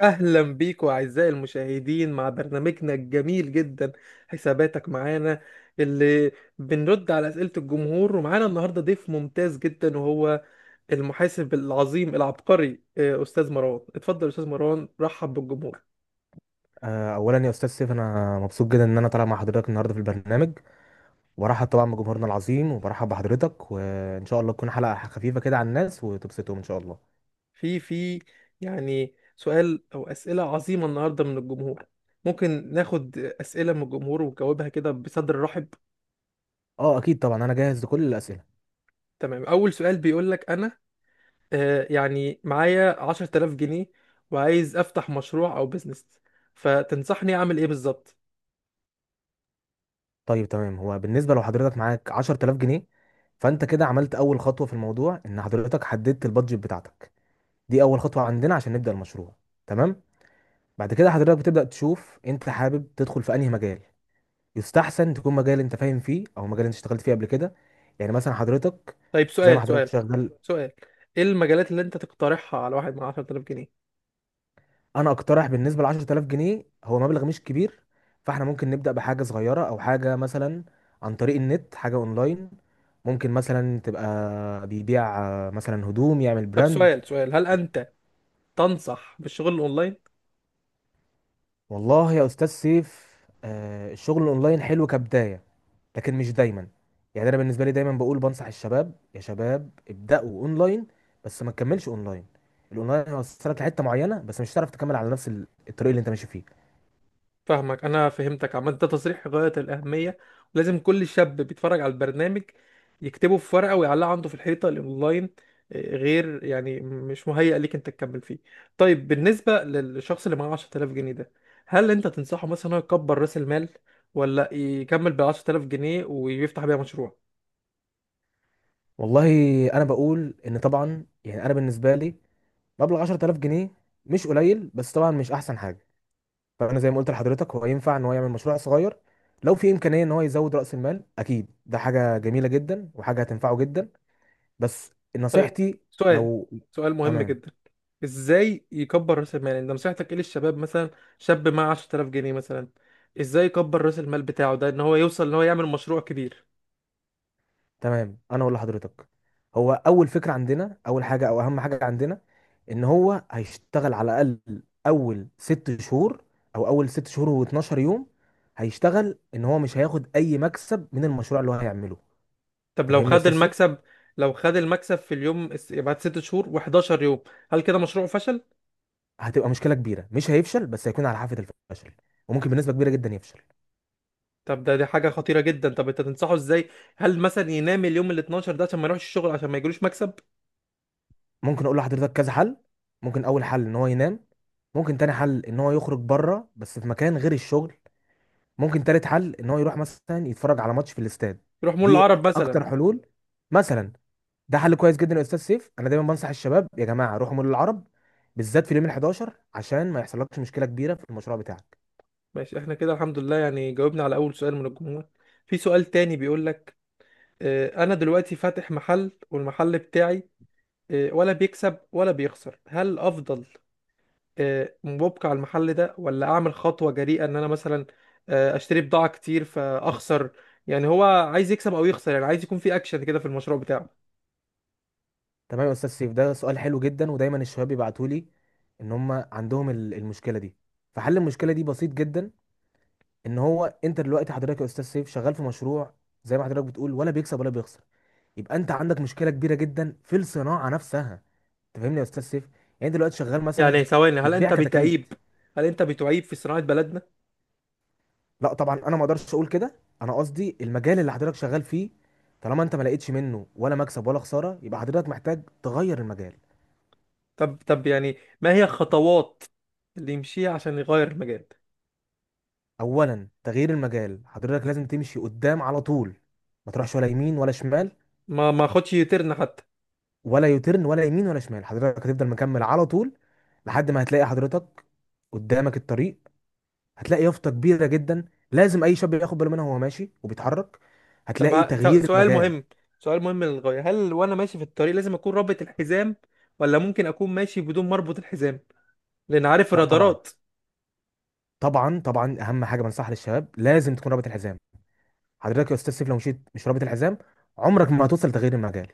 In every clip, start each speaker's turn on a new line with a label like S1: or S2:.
S1: اهلا بيكم اعزائي المشاهدين مع برنامجنا الجميل جدا، حساباتك معانا، اللي بنرد على اسئله الجمهور. ومعانا النهارده ضيف ممتاز جدا، وهو المحاسب العظيم العبقري، استاذ مروان. اتفضل يا استاذ مروان، رحب بالجمهور.
S2: اولا يا استاذ سيف، انا مبسوط جدا ان انا طالع مع حضرتك النهارده في البرنامج، وبرحب طبعا بجمهورنا العظيم، وبرحب بحضرتك، وان شاء الله تكون حلقه خفيفه كده على الناس وتبسطهم ان شاء الله.
S1: في يعني سؤال او اسئله عظيمه النهارده من الجمهور. ممكن ناخد اسئله من الجمهور ونجاوبها كده بصدر رحب.
S2: اه اكيد طبعا، انا جاهز لكل الاسئله.
S1: تمام. اول سؤال بيقول لك: انا يعني معايا 10000 جنيه وعايز أفتح مشروع أو بيزنس، فتنصحني أعمل إيه بالظبط؟
S2: طيب تمام، هو بالنسبه لو حضرتك معاك 10000 جنيه، فانت كده عملت اول خطوه في الموضوع، ان حضرتك حددت البادجت بتاعتك. دي اول خطوه عندنا عشان نبدا المشروع. تمام. بعد كده حضرتك بتبدا تشوف انت حابب تدخل في انهي مجال. يستحسن تكون مجال انت فاهم فيه او مجال انت اشتغلت فيه قبل كده. يعني مثلا حضرتك
S1: طيب،
S2: زي ما
S1: سؤال
S2: حضرتك
S1: سؤال
S2: شغال.
S1: سؤال إيه المجالات اللي أنت تقترحها على واحد مع 10000 جنيه؟
S2: انا اقترح بالنسبه ل 10000 جنيه، هو مبلغ مش كبير، فاحنا ممكن نبدا بحاجه صغيره او حاجه مثلا عن طريق النت، حاجه اونلاين. ممكن مثلا تبقى بيبيع مثلا هدوم، يعمل
S1: طب،
S2: براند.
S1: سؤال: هل أنت تنصح بالشغل الأونلاين؟
S2: والله يا استاذ سيف، الشغل الاونلاين حلو كبدايه، لكن مش دايما. يعني انا بالنسبه لي دايما بقول، بنصح الشباب يا شباب ابداوا اونلاين، بس ما تكملش اونلاين. الاونلاين هيوصلك لحته معينه، بس مش هتعرف تكمل على نفس الطريق اللي انت ماشي فيه.
S1: فاهمك، انا فهمتك. عامه ده تصريح غايه الاهميه، ولازم كل شاب بيتفرج على البرنامج يكتبه في ورقه ويعلقه عنده في الحيطه. الاونلاين غير يعني مش مهيأ ليك انت تكمل فيه. طيب، بالنسبه للشخص اللي معاه 10000 جنيه ده، هل انت تنصحه مثلا إنه يكبر راس المال، ولا يكمل بال 10000 جنيه ويفتح بيها مشروع؟
S2: والله انا بقول ان طبعا، يعني انا بالنسبه لي، مبلغ 10000 جنيه مش قليل، بس طبعا مش احسن حاجه. فانا زي ما قلت لحضرتك، هو ينفع ان هو يعمل مشروع صغير. لو في امكانيه ان هو يزود راس المال، اكيد ده حاجه جميله جدا وحاجه هتنفعه جدا. بس
S1: طيب،
S2: نصيحتي،
S1: سؤال
S2: لو،
S1: سؤال مهم
S2: تمام.
S1: جدا: ازاي يكبر راس المال؟ يعني انت نصيحتك ايه للشباب مثلا؟ شاب معاه 10000 جنيه مثلا، ازاي يكبر راس المال بتاعه ده ان هو يوصل ان هو يعمل مشروع كبير؟
S2: تمام، انا ولا حضرتك، هو اول فكره عندنا، اول حاجه او اهم حاجه عندنا، ان هو هيشتغل على الاقل اول 6 شهور، او اول 6 شهور و12 يوم. هيشتغل ان هو مش هياخد اي مكسب من المشروع اللي هو هيعمله.
S1: طب،
S2: انت
S1: لو
S2: فاهمني يا
S1: خد
S2: استاذ سيف؟
S1: المكسب لو خد المكسب في اليوم بعد 6 شهور و11 يوم، هل كده مشروعه فشل؟
S2: هتبقى مشكله كبيره، مش هيفشل، بس هيكون على حافه الفشل، وممكن بنسبه كبيره جدا يفشل.
S1: طب، دي حاجة خطيرة جدا. طب انت تنصحه ازاي؟ هل مثلا ينام اليوم ال 12 ده عشان ما يروحش الشغل، عشان ما يجيلوش مكسب؟
S2: ممكن اقول لحضرتك كذا حل. ممكن اول حل، ان هو ينام. ممكن تاني حل، ان هو يخرج بره، بس في مكان غير الشغل. ممكن تالت حل، ان هو يروح مثلا يتفرج على ماتش في الاستاد.
S1: يروح مول
S2: دي
S1: العرب مثلا؟
S2: اكتر حلول. مثلا ده حل كويس جدا يا استاذ سيف، انا دايما بنصح الشباب يا جماعه روحوا مول العرب، بالذات في اليوم ال11 عشان ما يحصلكش مشكله كبيره في المشروع بتاعك.
S1: ماشي، احنا كده الحمد لله يعني جاوبنا على اول سؤال من الجمهور. في سؤال تاني بيقول لك: انا دلوقتي فاتح محل، والمحل بتاعي ولا بيكسب ولا بيخسر. هل الافضل مبقى على المحل ده، ولا اعمل خطوة جريئة ان انا مثلا اشتري بضاعة كتير فاخسر؟ يعني هو عايز يكسب او يخسر. يعني عايز يكون في اكشن كده في المشروع بتاعه.
S2: تمام يا استاذ سيف، ده سؤال حلو جدا. ودايما الشباب يبعتوا لي ان هم عندهم المشكله دي. فحل المشكله دي بسيط جدا. ان هو انت دلوقتي حضرتك يا استاذ سيف شغال في مشروع، زي ما حضرتك بتقول، ولا بيكسب ولا بيخسر، يبقى انت عندك مشكله كبيره جدا في الصناعه نفسها. انت فاهمني يا استاذ سيف؟ يعني دلوقتي شغال مثلا
S1: يعني ثواني، هل
S2: بتبيع
S1: انت
S2: كتاكيت.
S1: بتعيب هل انت بتعيب في صناعة بلدنا؟
S2: لا طبعا، انا ما اقدرش اقول كده. انا قصدي المجال اللي حضرتك شغال فيه، طالما انت ما لقيتش منه ولا مكسب ولا خساره، يبقى حضرتك محتاج تغير المجال.
S1: طب يعني ما هي الخطوات اللي يمشيها عشان يغير المجال؟
S2: اولا تغيير المجال، حضرتك لازم تمشي قدام على طول، ما تروحش ولا يمين ولا شمال.
S1: ما خدش يترن حتى.
S2: ولا يوترن، ولا يمين ولا شمال، حضرتك هتفضل مكمل على طول، لحد ما هتلاقي حضرتك قدامك الطريق. هتلاقي يافطه كبيره جدا، لازم اي شاب ياخد باله منها وهو ماشي وبيتحرك.
S1: طب،
S2: هتلاقي تغيير المجال.
S1: سؤال مهم للغاية: هل وانا ماشي في الطريق لازم اكون رابط الحزام، ولا ممكن اكون ماشي بدون ما اربط الحزام؟ لان عارف
S2: لا طبعا.
S1: الرادارات.
S2: طبعا طبعا، اهم حاجه بنصحها للشباب، لازم تكون رابط الحزام. حضرتك يا استاذ سيف، لو مشيت مش رابط الحزام، عمرك ما هتوصل لتغيير المجال،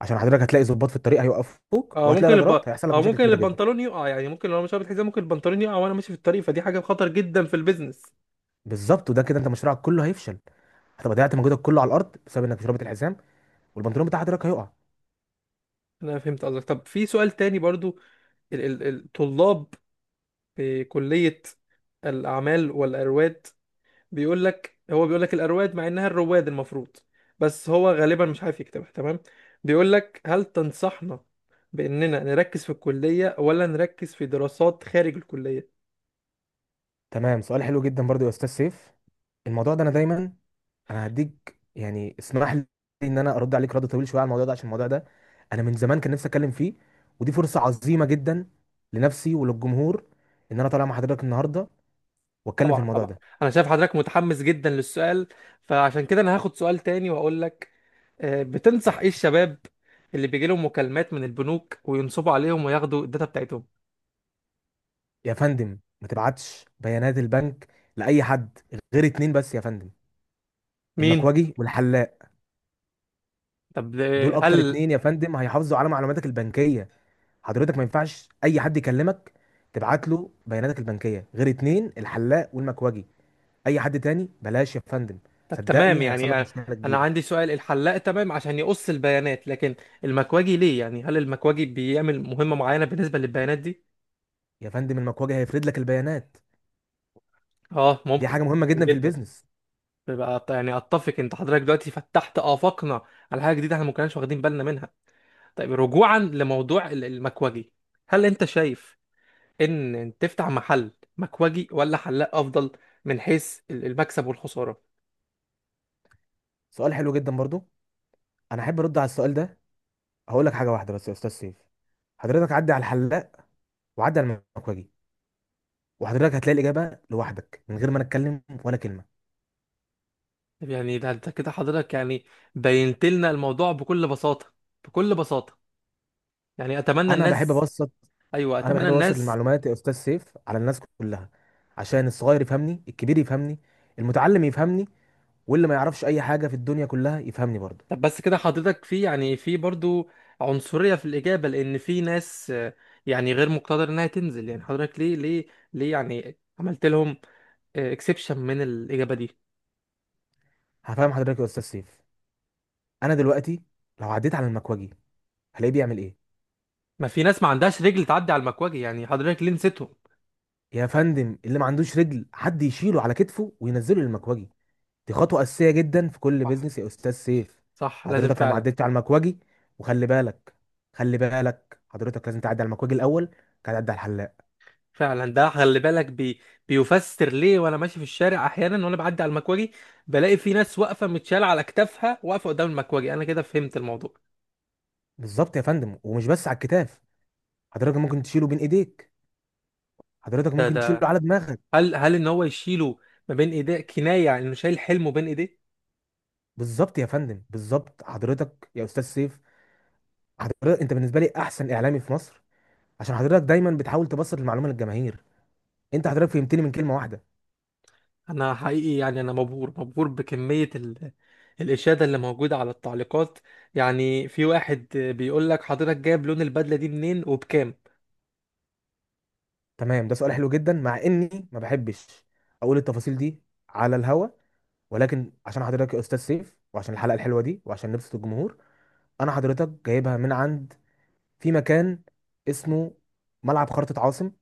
S2: عشان حضرتك هتلاقي ضباط في الطريق هيوقفوك،
S1: اه
S2: وهتلاقي
S1: ممكن الب...
S2: رادارات هيحصل لك
S1: اه
S2: مشاكل
S1: ممكن
S2: كبيره جدا.
S1: البنطلون يقع، يعني ممكن لو مش رابط الحزام ممكن البنطلون يقع وانا ماشي في الطريق، فدي حاجة خطر جدا في البيزنس.
S2: بالظبط، وده كده انت مشروعك كله هيفشل. هتبقى ضيعت مجهودك كله على الارض بسبب انك مش رابط الحزام، والبنطلون بتاع حضرتك هيقع.
S1: انا فهمت قصدك. طب في سؤال تاني برضو. الطلاب في كلية الاعمال والارواد، بيقول لك هو بيقول لك الأرواد مع إنها الرواد المفروض، بس هو غالبا مش عارف يكتبها تمام. بيقول لك: هل تنصحنا بإننا نركز في الكلية ولا نركز في دراسات خارج الكلية؟
S2: تمام، سؤال حلو جدا برضو يا استاذ سيف. الموضوع ده انا دايما، انا هديك، يعني اسمح لي ان انا ارد عليك رد طويل شويه على الموضوع ده، عشان الموضوع ده انا من زمان كان نفسي اتكلم فيه. ودي فرصه عظيمه جدا لنفسي وللجمهور، ان انا طالع مع حضرتك النهارده واتكلم في
S1: طبعا
S2: الموضوع
S1: طبعا.
S2: ده.
S1: أنا شايف حضرتك متحمس جدا للسؤال، فعشان كده أنا هاخد سؤال تاني وأقول لك: بتنصح إيه الشباب اللي بيجي لهم مكالمات من البنوك وينصبوا عليهم وياخدوا الداتا بتاعتهم؟
S2: يا فندم، ما تبعتش بيانات البنك لاي حد، غير اتنين بس يا فندم.
S1: مين؟
S2: المكواجي والحلاق،
S1: طب،
S2: دول اكتر
S1: هل...
S2: اتنين يا فندم هيحافظوا على معلوماتك البنكيه. حضرتك ما ينفعش اي حد يكلمك تبعت له بياناتك البنكيه غير اتنين، الحلاق والمكواجي. اي حد تاني بلاش يا فندم،
S1: طب تمام،
S2: صدقني هيحصل لك
S1: يعني
S2: مشكله
S1: انا
S2: كبيره.
S1: عندي سؤال. الحلاق تمام عشان يقص البيانات، لكن المكواجي ليه؟ يعني هل المكواجي بيعمل مهمة معينة بالنسبة للبيانات دي؟
S2: يا فندم، المكواجي هيفرد لك البيانات،
S1: اه
S2: دي
S1: ممكن
S2: حاجه مهمه جدا في
S1: جدا.
S2: البيزنس.
S1: بيبقى يعني اتفق، انت حضرتك دلوقتي فتحت آفاقنا على حاجة جديدة احنا ما كناش واخدين بالنا منها. طيب رجوعا لموضوع المكواجي. هل انت شايف ان تفتح محل مكواجي ولا حلاق افضل من حيث المكسب والخسارة؟
S2: سؤال حلو جدا برضو، انا احب ارد على السؤال ده. هقول لك حاجه واحده بس يا استاذ سيف، حضرتك عدي على الحلاق وعدي على المكواجي، وحضرتك هتلاقي الاجابه لوحدك من غير ما نتكلم ولا كلمه.
S1: يعني ده انت كده حضرتك يعني بينت لنا الموضوع بكل بساطة، بكل بساطة. يعني اتمنى
S2: انا بحب
S1: الناس.
S2: ابسط.
S1: ايوه،
S2: انا
S1: اتمنى
S2: بحب ابسط
S1: الناس.
S2: المعلومات يا استاذ سيف على الناس كلها، عشان الصغير يفهمني، الكبير يفهمني، المتعلم يفهمني، واللي ما يعرفش اي حاجه في الدنيا كلها يفهمني برضه.
S1: طب بس كده حضرتك يعني في برضو عنصرية في الإجابة، لأن في ناس يعني غير مقتدرة إنها تنزل. يعني حضرتك ليه يعني عملت لهم اكسبشن من الإجابة دي؟
S2: هفهم حضرتك يا استاذ سيف. انا دلوقتي لو عديت على المكوجي، هلاقيه بيعمل ايه؟
S1: ما في ناس ما عندهاش رجل تعدي على المكواجي؟ يعني حضرتك ليه نسيتهم؟
S2: يا فندم، اللي ما عندوش رجل، حد يشيله على كتفه وينزله للمكوجي. دي خطوه اساسيه جدا في كل
S1: صح،
S2: بيزنس يا استاذ سيف.
S1: صح، لازم
S2: حضرتك لو ما
S1: فعلا.
S2: عدتش على المكوجي، وخلي بالك، خلي بالك حضرتك لازم تعدي على المكوجي الاول، بعد تعدي على الحلاق.
S1: فعلا، ده خلي بالك بيفسر ليه وانا ماشي في الشارع احيانا وانا بعدي على المكواجي. بلاقي في ناس واقفه متشاله على اكتافها واقفه قدام المكواجي. انا كده فهمت الموضوع.
S2: بالظبط يا فندم، ومش بس على الكتاف. حضرتك ممكن تشيله بين ايديك، حضرتك
S1: ده
S2: ممكن تشيله
S1: ده
S2: على دماغك.
S1: هل ان هو يشيله ما بين ايديه كنايه، يعني انه شايل حلمه بين ايديه؟
S2: بالظبط يا فندم، بالظبط. حضرتك يا استاذ سيف، حضرتك انت بالنسبه لي احسن اعلامي في مصر، عشان حضرتك دايما بتحاول تبسط المعلومه للجماهير. انت حضرتك فهمتني من كلمه واحده.
S1: انا حقيقي يعني انا مبهور، مبهور بكميه الاشاده اللي موجوده على التعليقات. يعني في واحد بيقول لك: حضرتك جايب لون البدله دي منين وبكام؟
S2: تمام، ده سؤال حلو جدا، مع اني ما بحبش اقول التفاصيل دي على الهوا. ولكن عشان حضرتك يا استاذ سيف، وعشان الحلقه الحلوه دي، وعشان نبسط الجمهور، انا حضرتك جايبها من عند، في مكان اسمه ملعب خرطة عاصم.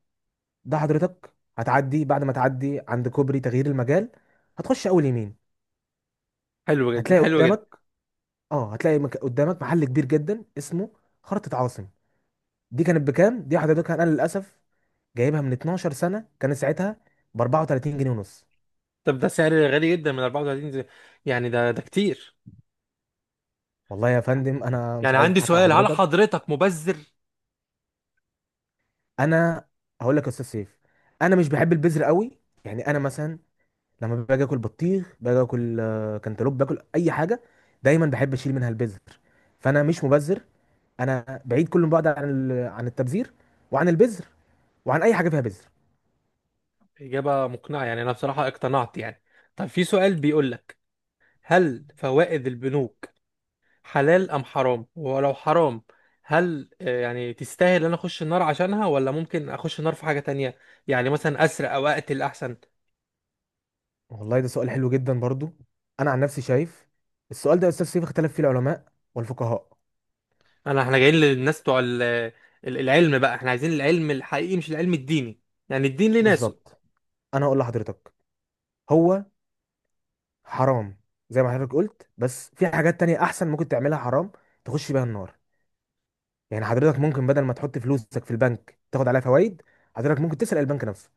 S2: ده حضرتك هتعدي بعد ما تعدي عند كوبري تغيير المجال، هتخش اول يمين،
S1: حلو جدا،
S2: هتلاقي
S1: حلو جدا.
S2: قدامك، اه هتلاقي قدامك محل كبير جدا اسمه خرطة عاصم. دي كانت بكام دي؟ حضرتك انا للاسف جايبها من 12 سنه، كانت ساعتها ب 34 جنيه ونص.
S1: طب ده سعر غالي جدا. من 34 يعني ده كتير.
S2: والله يا
S1: يعني
S2: فندم، انا مش
S1: يعني
S2: عايز
S1: عندي
S2: اضحك على
S1: سؤال: هل
S2: حضرتك.
S1: حضرتك مبذر؟
S2: انا هقول لك يا استاذ سيف، انا مش بحب البذر قوي. يعني انا مثلا لما باجي اكل بطيخ، باجي اكل كانتالوب، باكل اي حاجه، دايما بحب اشيل منها البذر. فانا مش مبذر، انا بعيد كل بعد عن عن التبذير، وعن البذر، وعن اي حاجه فيها بذر.
S1: اجابه مقنعه، يعني انا بصراحه اقتنعت يعني. طب في سؤال بيقول لك: هل فوائد البنوك حلال ام حرام؟ ولو حرام، هل يعني تستاهل انا اخش النار عشانها، ولا ممكن اخش النار في حاجة تانية؟ يعني مثلا اسرق او اقتل احسن؟
S2: والله ده سؤال حلو جدا برضو. انا عن نفسي شايف السؤال ده يا استاذ سيف اختلف فيه العلماء والفقهاء.
S1: احنا جايين للناس بتوع العلم بقى. احنا عايزين العلم الحقيقي مش العلم الديني، يعني الدين ليه ناسه.
S2: بالظبط، انا هقول لحضرتك، هو حرام زي ما حضرتك قلت، بس في حاجات تانية احسن ممكن تعملها حرام تخش بيها النار. يعني حضرتك ممكن بدل ما تحط فلوسك في البنك تاخد عليها فوائد، حضرتك ممكن تسرق البنك نفسه.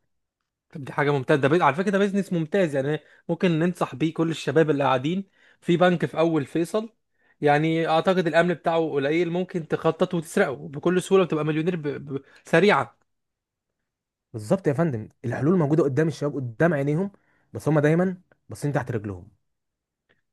S1: طب دي حاجة ممتازة. ده على فكرة ده بيزنس ممتاز يعني. ممكن ننصح بيه كل الشباب اللي قاعدين في بنك في اول فيصل. يعني اعتقد الامن بتاعه قليل، ممكن تخطط وتسرقه بكل سهولة وتبقى مليونير سريعا.
S2: بالظبط يا فندم، الحلول موجودة قدام الشباب قدام عينيهم، بس هما دايما باصين تحت رجلهم.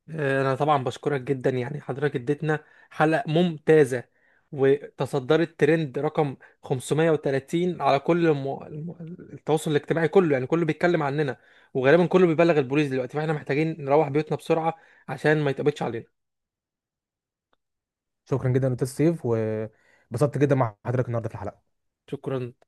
S1: انا طبعا بشكرك جدا، يعني حضرتك اديتنا حلقة ممتازة، وتصدرت ترند رقم 530 على كل التواصل الاجتماعي كله، يعني كله بيتكلم عننا، وغالبا كله بيبلغ البوليس دلوقتي، فاحنا محتاجين نروح بيوتنا بسرعة عشان ما يتقبضش علينا.
S2: شكرا جدا يا استاذ سيف، وبسطت جدا مع حضرتك النهارده في الحلقة.
S1: شكرا.